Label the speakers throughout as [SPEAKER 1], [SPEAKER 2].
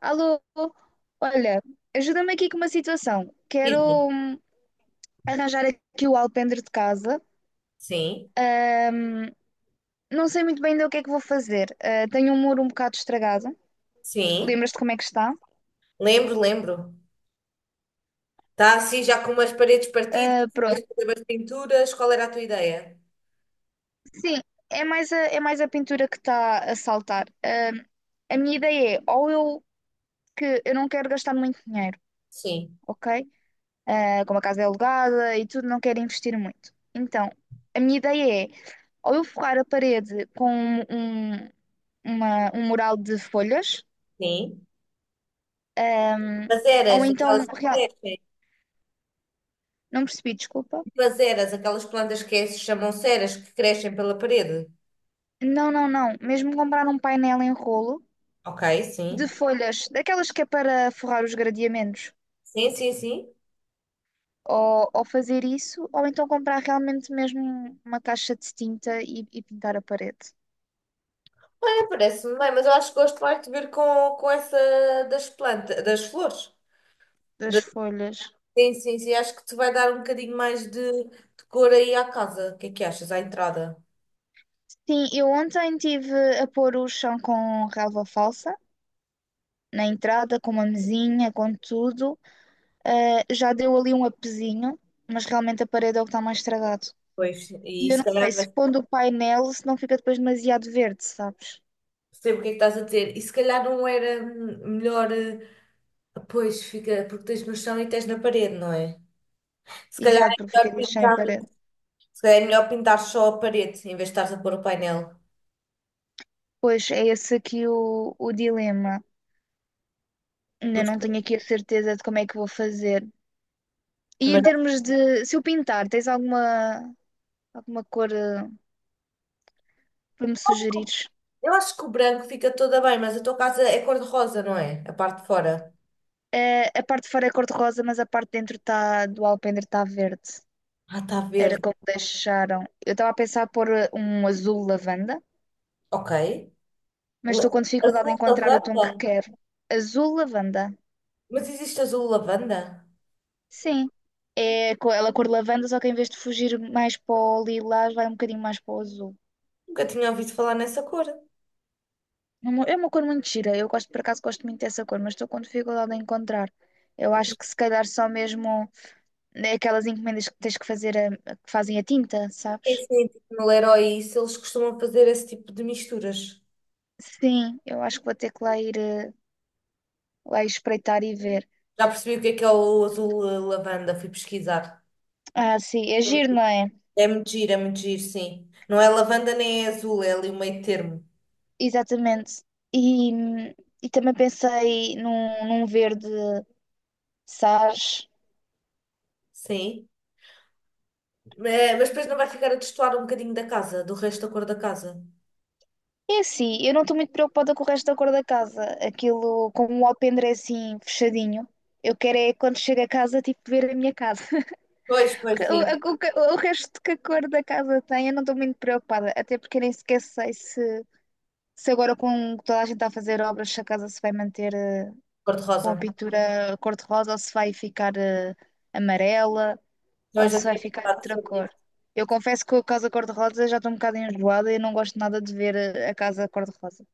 [SPEAKER 1] Alô, olha, ajuda-me aqui com uma situação. Quero
[SPEAKER 2] Sim,
[SPEAKER 1] hum, arranjar aqui o alpendre de casa.
[SPEAKER 2] sim.
[SPEAKER 1] Não sei muito bem ainda o que é que vou fazer. Tenho um muro um bocado estragado.
[SPEAKER 2] sim.
[SPEAKER 1] Lembras-te como é que está?
[SPEAKER 2] Lembro, lembro. Está assim já com umas paredes partidas,
[SPEAKER 1] Ah,
[SPEAKER 2] tens
[SPEAKER 1] pronto.
[SPEAKER 2] que fazer as pinturas. Qual era a tua ideia?
[SPEAKER 1] Sim, é mais a pintura que está a saltar. A minha ideia é, ou eu que eu não quero gastar muito dinheiro,
[SPEAKER 2] Sim,
[SPEAKER 1] ok? Ah, como a casa é alugada e tudo, não quero investir muito. Então, a minha ideia é ou eu forrar a parede com um um mural de folhas,
[SPEAKER 2] sim.
[SPEAKER 1] ahm,
[SPEAKER 2] As eras,
[SPEAKER 1] ou então,
[SPEAKER 2] aquelas que crescem.
[SPEAKER 1] não percebi, desculpa.
[SPEAKER 2] Tipo As eras, aquelas plantas que se chamam ceras, que crescem pela parede.
[SPEAKER 1] Não, não, não, mesmo comprar um painel em rolo
[SPEAKER 2] Ok,
[SPEAKER 1] de
[SPEAKER 2] sim.
[SPEAKER 1] folhas, daquelas que é para forrar os gradeamentos,
[SPEAKER 2] Sim, sim, sim.
[SPEAKER 1] ou fazer isso, ou então comprar realmente mesmo uma caixa de tinta e pintar a parede
[SPEAKER 2] É, parece-me bem, mas eu acho que gosto mais de ver com, essa das plantas, das flores.
[SPEAKER 1] das
[SPEAKER 2] Da-
[SPEAKER 1] folhas.
[SPEAKER 2] sim, sim, sim. Acho que te vai dar um bocadinho mais de cor aí à casa. O que é que achas? À entrada.
[SPEAKER 1] Sim, eu ontem tive a pôr o chão com relva falsa. Na entrada, com uma mesinha, com tudo. Ah, já deu ali um apesinho, mas realmente a parede é o que está mais estragado.
[SPEAKER 2] Pois, e
[SPEAKER 1] E eu
[SPEAKER 2] se
[SPEAKER 1] não sei
[SPEAKER 2] calhar vai.
[SPEAKER 1] se pondo o painel, se não fica depois demasiado verde, sabes?
[SPEAKER 2] Sei o que é que estás a dizer. E se calhar não era melhor. Pois fica, porque tens no chão e tens na parede, não é? Se calhar
[SPEAKER 1] Exato,
[SPEAKER 2] é
[SPEAKER 1] porque
[SPEAKER 2] melhor
[SPEAKER 1] ficaria sem
[SPEAKER 2] pintar,
[SPEAKER 1] parede.
[SPEAKER 2] se calhar é melhor pintar só a parede em vez de estares a pôr o painel.
[SPEAKER 1] Pois é esse aqui o dilema. Ainda
[SPEAKER 2] Mas,
[SPEAKER 1] não tenho aqui a certeza de como é que vou fazer. E
[SPEAKER 2] mas
[SPEAKER 1] em
[SPEAKER 2] não-
[SPEAKER 1] termos de, se eu pintar, tens alguma, alguma cor para me sugerires?
[SPEAKER 2] eu acho que o branco fica toda bem, mas a tua casa é cor-de-rosa, não é? A parte de fora.
[SPEAKER 1] A parte de fora é cor-de-rosa, mas a parte de dentro tá, do alpendre está verde.
[SPEAKER 2] Ah, está
[SPEAKER 1] Era
[SPEAKER 2] verde.
[SPEAKER 1] como deixaram. Eu estava a pensar pôr um azul lavanda,
[SPEAKER 2] Ok.
[SPEAKER 1] mas
[SPEAKER 2] La-
[SPEAKER 1] estou com dificuldade
[SPEAKER 2] Azul
[SPEAKER 1] em encontrar o tom
[SPEAKER 2] lavanda?
[SPEAKER 1] que quero. Azul lavanda.
[SPEAKER 2] Mas existe azul lavanda?
[SPEAKER 1] Sim. Ela cor lavanda, só que em vez de fugir mais para o lilás, vai um bocadinho mais para o azul.
[SPEAKER 2] Nunca tinha ouvido falar nessa cor.
[SPEAKER 1] É uma cor muito gira. Eu gosto, por acaso, gosto muito dessa cor, mas estou com dificuldade em encontrar. Eu acho que se calhar só mesmo é aquelas encomendas que tens que fazer, que fazem a tinta, sabes?
[SPEAKER 2] Sim, sim, tipo no Leroy, e isso, eles costumam fazer esse tipo de misturas.
[SPEAKER 1] Sim, eu acho que vou ter que lá ir, lá ir espreitar e ver.
[SPEAKER 2] Já percebi o que é o azul lavanda, fui pesquisar.
[SPEAKER 1] Ah, sim, é giro, não é?
[SPEAKER 2] É muito giro, sim. Não é lavanda nem é azul, é ali o meio termo.
[SPEAKER 1] Exatamente. E, e também pensei num verde sage.
[SPEAKER 2] Sim. É, mas depois não vai ficar a destoar um bocadinho da casa, do resto da cor da casa.
[SPEAKER 1] É assim, eu não estou muito preocupada com o resto da cor da casa. Aquilo, como o alpendre é assim, fechadinho, eu quero é quando chego a casa, tipo, ver a minha casa.
[SPEAKER 2] Pois, pois,
[SPEAKER 1] O,
[SPEAKER 2] sim.
[SPEAKER 1] o resto que a cor da casa tem, eu não estou muito preocupada. Até porque eu nem sequer sei se, se agora com toda a gente a fazer obras, se a casa se vai manter
[SPEAKER 2] Cor de
[SPEAKER 1] com
[SPEAKER 2] rosa.
[SPEAKER 1] a pintura cor-de-rosa ou se vai ficar amarela
[SPEAKER 2] Então eu
[SPEAKER 1] ou
[SPEAKER 2] já
[SPEAKER 1] se vai
[SPEAKER 2] tinha
[SPEAKER 1] ficar
[SPEAKER 2] pensado
[SPEAKER 1] outra
[SPEAKER 2] sobre
[SPEAKER 1] cor.
[SPEAKER 2] isso.
[SPEAKER 1] Eu confesso que com a casa cor-de-rosa já estou um bocado enjoada e não gosto nada de ver a casa cor-de-rosa.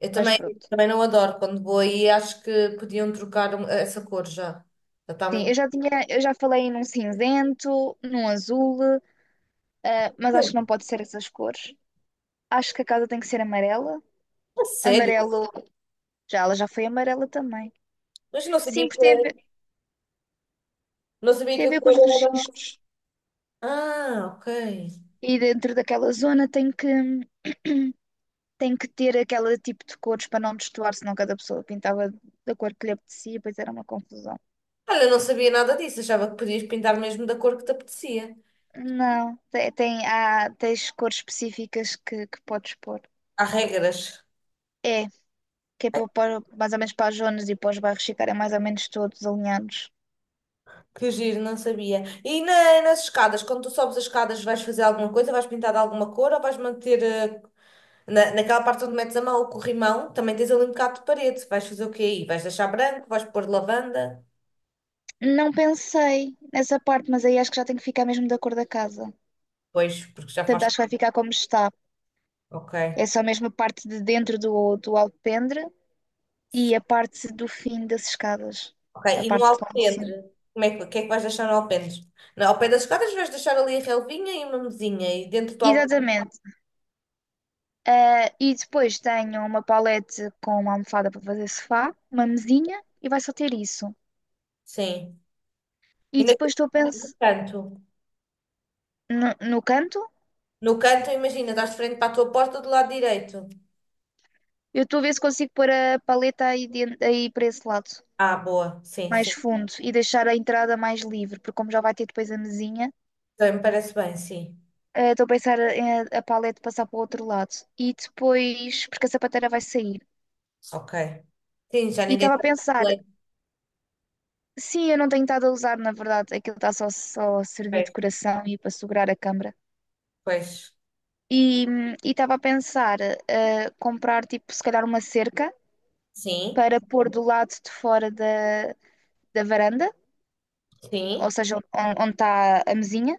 [SPEAKER 2] Eu
[SPEAKER 1] Mas
[SPEAKER 2] também,
[SPEAKER 1] pronto.
[SPEAKER 2] também não adoro quando vou aí, acho que podiam trocar essa cor já. Já está
[SPEAKER 1] Sim, eu
[SPEAKER 2] muito.
[SPEAKER 1] já tinha, eu já falei num cinzento, num azul, mas acho
[SPEAKER 2] Eu,
[SPEAKER 1] que não pode ser essas cores. Acho que a casa tem que ser amarela.
[SPEAKER 2] a sério?
[SPEAKER 1] Amarelo, já ela já foi amarela também.
[SPEAKER 2] Mas eu não
[SPEAKER 1] Sim,
[SPEAKER 2] sabia
[SPEAKER 1] porque
[SPEAKER 2] não sabia
[SPEAKER 1] tem
[SPEAKER 2] que
[SPEAKER 1] a
[SPEAKER 2] a
[SPEAKER 1] ver com os
[SPEAKER 2] cor era.
[SPEAKER 1] registros.
[SPEAKER 2] Ah, ok.
[SPEAKER 1] E dentro daquela zona tem que ter aquele tipo de cores para não destoar, senão cada pessoa pintava da cor que lhe apetecia, pois era uma confusão.
[SPEAKER 2] Olha, eu não sabia nada disso, achava que podias pintar mesmo da cor que te apetecia.
[SPEAKER 1] Não, tem, tem, há, tens cores específicas que podes pôr.
[SPEAKER 2] Há regras.
[SPEAKER 1] É que é
[SPEAKER 2] Ai,
[SPEAKER 1] para, mais ou menos para as zonas e para os bairros ficarem mais ou menos todos alinhados.
[SPEAKER 2] que giro, não sabia. E nas escadas, quando tu sobes as escadas, vais fazer alguma coisa? Vais pintar de alguma cor ou vais manter na, naquela parte onde metes a mão, o corrimão? Também tens ali um bocado de parede. Vais fazer o quê aí? Vais deixar branco? Vais pôr lavanda?
[SPEAKER 1] Não pensei nessa parte, mas aí acho que já tem que ficar mesmo da cor da casa.
[SPEAKER 2] Pois, porque já
[SPEAKER 1] Portanto,
[SPEAKER 2] faz.
[SPEAKER 1] acho que vai ficar como está.
[SPEAKER 2] Ok.
[SPEAKER 1] É só mesmo a parte de dentro do alpendre e a parte do fim das escadas.
[SPEAKER 2] Ok.
[SPEAKER 1] A
[SPEAKER 2] E no
[SPEAKER 1] parte de lá em cima.
[SPEAKER 2] alpendre? Como é que, o que é que vais deixar no alpendre? No, ao pé das escadas vais deixar ali a relvinha e uma mesinha e dentro do alpendre.
[SPEAKER 1] Exatamente. Ah, e depois tenho uma palete com uma almofada para fazer sofá, uma mesinha e vai só ter isso.
[SPEAKER 2] Sim.
[SPEAKER 1] E
[SPEAKER 2] Ainda tem
[SPEAKER 1] depois estou a
[SPEAKER 2] no
[SPEAKER 1] pensar
[SPEAKER 2] canto.
[SPEAKER 1] no canto.
[SPEAKER 2] No canto, imagina, estás de frente para a tua porta do lado direito.
[SPEAKER 1] Eu estou a ver se consigo pôr a paleta aí, dentro, aí para esse lado,
[SPEAKER 2] Ah, boa. Sim,
[SPEAKER 1] mais
[SPEAKER 2] sim.
[SPEAKER 1] fundo, e deixar a entrada mais livre, porque como já vai ter depois a mesinha,
[SPEAKER 2] Também me parece bem, sim.
[SPEAKER 1] estou a pensar em a paleta passar para o outro lado. E depois, porque a sapateira vai sair.
[SPEAKER 2] Ok. Sim, já
[SPEAKER 1] E
[SPEAKER 2] ninguém
[SPEAKER 1] estava a
[SPEAKER 2] sabe o
[SPEAKER 1] pensar,
[SPEAKER 2] que é.
[SPEAKER 1] sim, eu não tenho estado a usar, na verdade, aquilo está só, só a servir de
[SPEAKER 2] Pois,
[SPEAKER 1] coração e para segurar a câmara.
[SPEAKER 2] pois.
[SPEAKER 1] E estava a pensar comprar, tipo, se calhar uma cerca
[SPEAKER 2] Sim,
[SPEAKER 1] para pôr do lado de fora da varanda, ou
[SPEAKER 2] sim,
[SPEAKER 1] seja, onde está a mesinha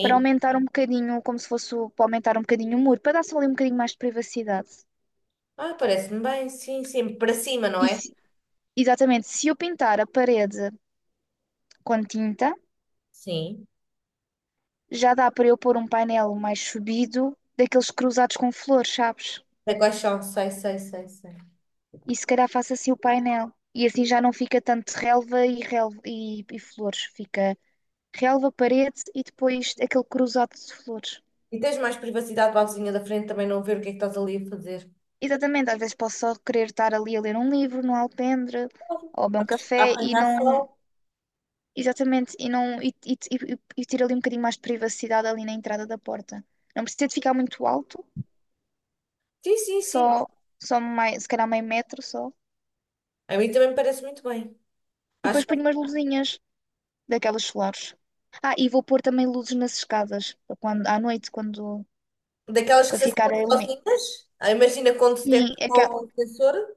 [SPEAKER 1] para aumentar um bocadinho, como se fosse para aumentar um bocadinho o muro, para dar só ali um bocadinho mais de privacidade.
[SPEAKER 2] Ah, parece-me bem, sim, sim. Para cima, não
[SPEAKER 1] E
[SPEAKER 2] é?
[SPEAKER 1] se- exatamente, se eu pintar a parede com tinta,
[SPEAKER 2] Sim.
[SPEAKER 1] já dá para eu pôr um painel mais subido, daqueles cruzados com flores, sabes?
[SPEAKER 2] Sei quais são, sei, sei, sei, sei.
[SPEAKER 1] E se calhar faço assim o painel. E assim já não fica tanto relva e, relva e flores. Fica relva, parede e depois aquele cruzado de flores.
[SPEAKER 2] E tens mais privacidade para a vizinha da frente também não ver o que é que estás ali a fazer.
[SPEAKER 1] Exatamente, às vezes posso só querer estar ali a ler um livro no alpendre ou a beber um
[SPEAKER 2] A
[SPEAKER 1] café e
[SPEAKER 2] apanhar
[SPEAKER 1] não.
[SPEAKER 2] sol?
[SPEAKER 1] Exatamente, e, não, e ter ali um bocadinho mais de privacidade ali na entrada da porta. Não precisa de ficar muito alto,
[SPEAKER 2] Sim, sim, sim.
[SPEAKER 1] só, só mais, se calhar meio metro só.
[SPEAKER 2] A mim também me parece muito bem.
[SPEAKER 1] E
[SPEAKER 2] Acho.
[SPEAKER 1] depois ponho umas luzinhas daquelas solares. Ah, e vou pôr também luzes nas escadas, para quando, à noite, quando
[SPEAKER 2] Daquelas que
[SPEAKER 1] para
[SPEAKER 2] se
[SPEAKER 1] ficar
[SPEAKER 2] assinam
[SPEAKER 1] a iluminar.
[SPEAKER 2] sozinhas? Ah, imagina com
[SPEAKER 1] Sim,
[SPEAKER 2] detecta com
[SPEAKER 1] aquela,
[SPEAKER 2] o sensor?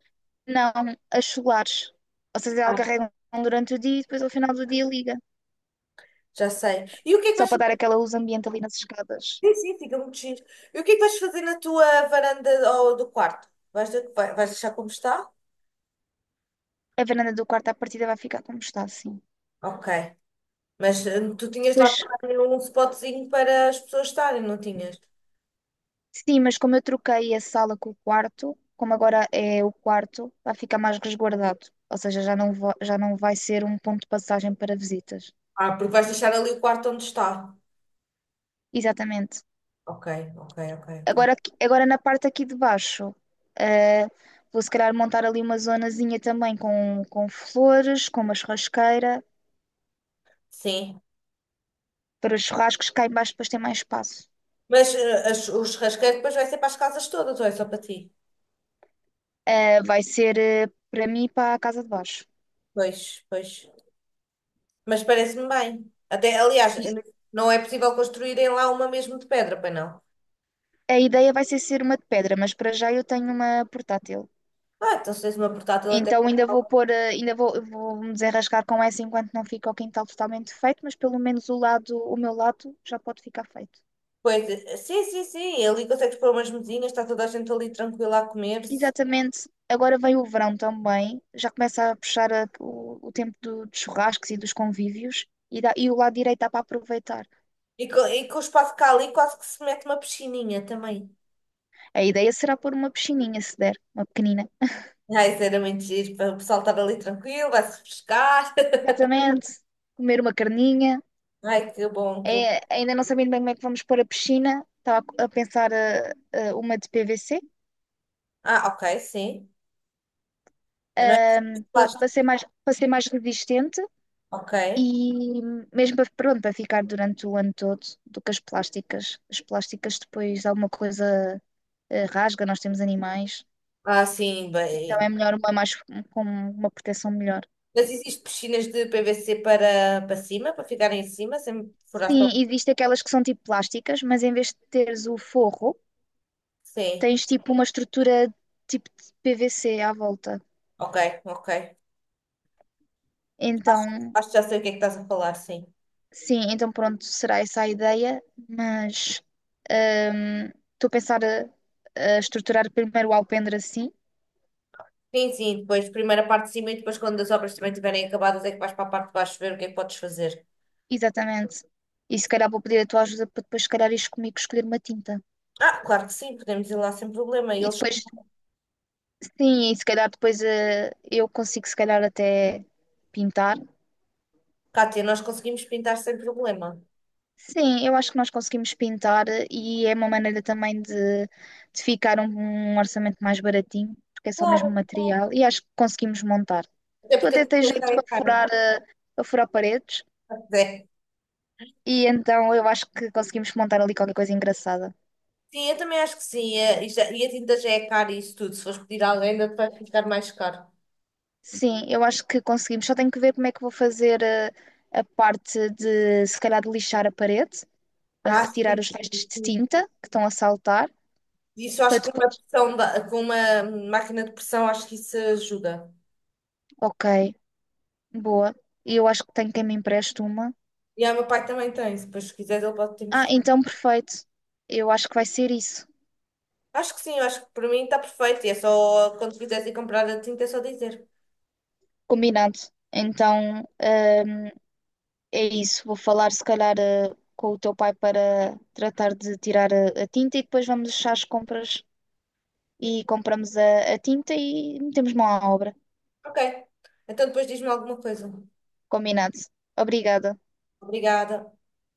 [SPEAKER 1] não, as solares. Ou seja, ela
[SPEAKER 2] Ah,
[SPEAKER 1] carrega durante o dia e depois ao final do dia liga.
[SPEAKER 2] já sei. E o que é que
[SPEAKER 1] Só
[SPEAKER 2] vais
[SPEAKER 1] para dar
[SPEAKER 2] fazer?
[SPEAKER 1] aquela luz ambiente ali nas escadas.
[SPEAKER 2] Sim, sim, fica muito giro. E o que é que vais fazer na tua varanda ou do quarto? Vais deixar como está?
[SPEAKER 1] A varanda do quarto à partida vai ficar como está, assim.
[SPEAKER 2] Ok. Mas tu tinhas lá
[SPEAKER 1] Depois
[SPEAKER 2] também um spotzinho para as pessoas estarem, não tinhas?
[SPEAKER 1] sim, mas como eu troquei a sala com o quarto, como agora é o quarto, vai ficar mais resguardado. Ou seja, já não, já não vai ser um ponto de passagem para visitas.
[SPEAKER 2] Ah, porque vais deixar ali o quarto onde está.
[SPEAKER 1] Exatamente.
[SPEAKER 2] Ok, ok, ok, ok.
[SPEAKER 1] Agora, agora na parte aqui de baixo, eh, vou se calhar montar ali uma zonazinha também com flores, com uma churrasqueira,
[SPEAKER 2] Sim.
[SPEAKER 1] para os churrascos cá em baixo depois ter mais espaço.
[SPEAKER 2] Mas o churrasqueiro depois vai ser para as casas todas, ou é só para ti?
[SPEAKER 1] Vai ser, para mim, para a casa de baixo.
[SPEAKER 2] Pois, pois. Mas parece-me bem. Até, aliás,
[SPEAKER 1] Sim,
[SPEAKER 2] não é possível construírem lá uma mesmo de pedra, pois não?
[SPEAKER 1] a ideia vai ser ser uma de pedra, mas para já eu tenho uma portátil.
[SPEAKER 2] Ah, então se tens uma portátil até
[SPEAKER 1] Então
[SPEAKER 2] para
[SPEAKER 1] ainda vou pôr, ainda vou, vou me desenrascar com essa enquanto não fica o quintal totalmente feito, mas pelo menos o lado, o meu lado já pode ficar feito.
[SPEAKER 2] coisa. Sim, sim, sim, ali consegues pôr umas mesinhas, está toda a gente ali tranquila a comer-se.
[SPEAKER 1] Exatamente. Agora vem o verão também, já começa a puxar o tempo dos churrascos e dos convívios e o lado direito dá para aproveitar.
[SPEAKER 2] O espaço cá ali quase que se mete uma piscininha também.
[SPEAKER 1] A ideia será pôr uma piscininha, se der, uma pequenina.
[SPEAKER 2] Ai, isso era muito giro, para o pessoal estar ali tranquilo, vai-se refrescar.
[SPEAKER 1] Exatamente. Comer uma carninha.
[SPEAKER 2] Ai, que bom, que bom.
[SPEAKER 1] É, ainda não sabendo bem como é que vamos pôr a piscina, estava a pensar uma de PVC
[SPEAKER 2] Ah, ok, sim. Não é de plástico.
[SPEAKER 1] para ser mais resistente
[SPEAKER 2] Ok.
[SPEAKER 1] e mesmo para, pronto, para ficar durante o ano todo do que as plásticas. As plásticas depois alguma coisa rasga, nós temos animais,
[SPEAKER 2] Ah, sim,
[SPEAKER 1] então é
[SPEAKER 2] bem.
[SPEAKER 1] melhor uma mais um, com uma proteção melhor.
[SPEAKER 2] Mas existe piscinas de PVC para, para cima, para ficarem em cima, sem furar
[SPEAKER 1] Sim,
[SPEAKER 2] para.
[SPEAKER 1] existem aquelas que são tipo plásticas, mas em vez de teres o forro,
[SPEAKER 2] Sim,
[SPEAKER 1] tens tipo uma estrutura tipo de PVC à volta.
[SPEAKER 2] ok, ok.
[SPEAKER 1] Então
[SPEAKER 2] Acho que já sei o que é que estás a falar, sim.
[SPEAKER 1] sim, então pronto, será essa a ideia, mas hum, estou a pensar a estruturar primeiro o alpendre assim,
[SPEAKER 2] Sim, sim, depois primeira parte de cima e depois quando as obras também estiverem acabadas é que vais para a parte de baixo ver o que é que podes fazer.
[SPEAKER 1] exatamente. E se calhar vou pedir a tua ajuda para depois, se calhar, ires comigo escolher uma tinta.
[SPEAKER 2] Ah, claro que sim, podemos ir lá sem problema. E
[SPEAKER 1] E
[SPEAKER 2] eles,
[SPEAKER 1] depois, sim, e se calhar depois eu consigo, se calhar, até pintar.
[SPEAKER 2] Cátia, nós conseguimos pintar sem problema.
[SPEAKER 1] Sim, eu acho que nós conseguimos pintar e é uma maneira também de ficar um orçamento mais baratinho, porque é só mesmo
[SPEAKER 2] Claro, claro.
[SPEAKER 1] material, e acho que conseguimos montar.
[SPEAKER 2] Até
[SPEAKER 1] Tu
[SPEAKER 2] porque a
[SPEAKER 1] até tens
[SPEAKER 2] tinta já
[SPEAKER 1] jeito
[SPEAKER 2] é
[SPEAKER 1] para
[SPEAKER 2] cara.
[SPEAKER 1] furar, para furar paredes,
[SPEAKER 2] É.
[SPEAKER 1] e então eu acho que conseguimos montar ali qualquer coisa engraçada.
[SPEAKER 2] Sim, eu também acho que sim. E e a tinta já é cara e isso tudo. Se fores pedir a alguém, ainda te vai ficar mais caro.
[SPEAKER 1] Sim, eu acho que conseguimos. Só tenho que ver como é que vou fazer a parte de, se calhar, de lixar a parede, para
[SPEAKER 2] Ah,
[SPEAKER 1] retirar
[SPEAKER 2] sim,
[SPEAKER 1] os restos
[SPEAKER 2] sim,
[SPEAKER 1] de
[SPEAKER 2] sim.
[SPEAKER 1] tinta que estão a saltar,
[SPEAKER 2] Isso
[SPEAKER 1] para
[SPEAKER 2] acho que com uma
[SPEAKER 1] depois.
[SPEAKER 2] com uma máquina de pressão acho que isso ajuda.
[SPEAKER 1] Ok, boa. E eu acho que tenho quem me empreste uma.
[SPEAKER 2] E o meu pai também tem, se depois quiseres ele pode te
[SPEAKER 1] Ah,
[SPEAKER 2] mostrar.
[SPEAKER 1] então perfeito. Eu acho que vai ser isso.
[SPEAKER 2] Acho que sim, acho que para mim está perfeito. E é só, quando quiseres ir comprar a tinta, é só dizer.
[SPEAKER 1] Combinado. Então, é isso. Vou falar se calhar com o teu pai para tratar de tirar a tinta e depois vamos deixar as compras e compramos a tinta e metemos mão à obra.
[SPEAKER 2] Ok, então depois diz-me alguma coisa.
[SPEAKER 1] Combinado. Obrigada.
[SPEAKER 2] Obrigada.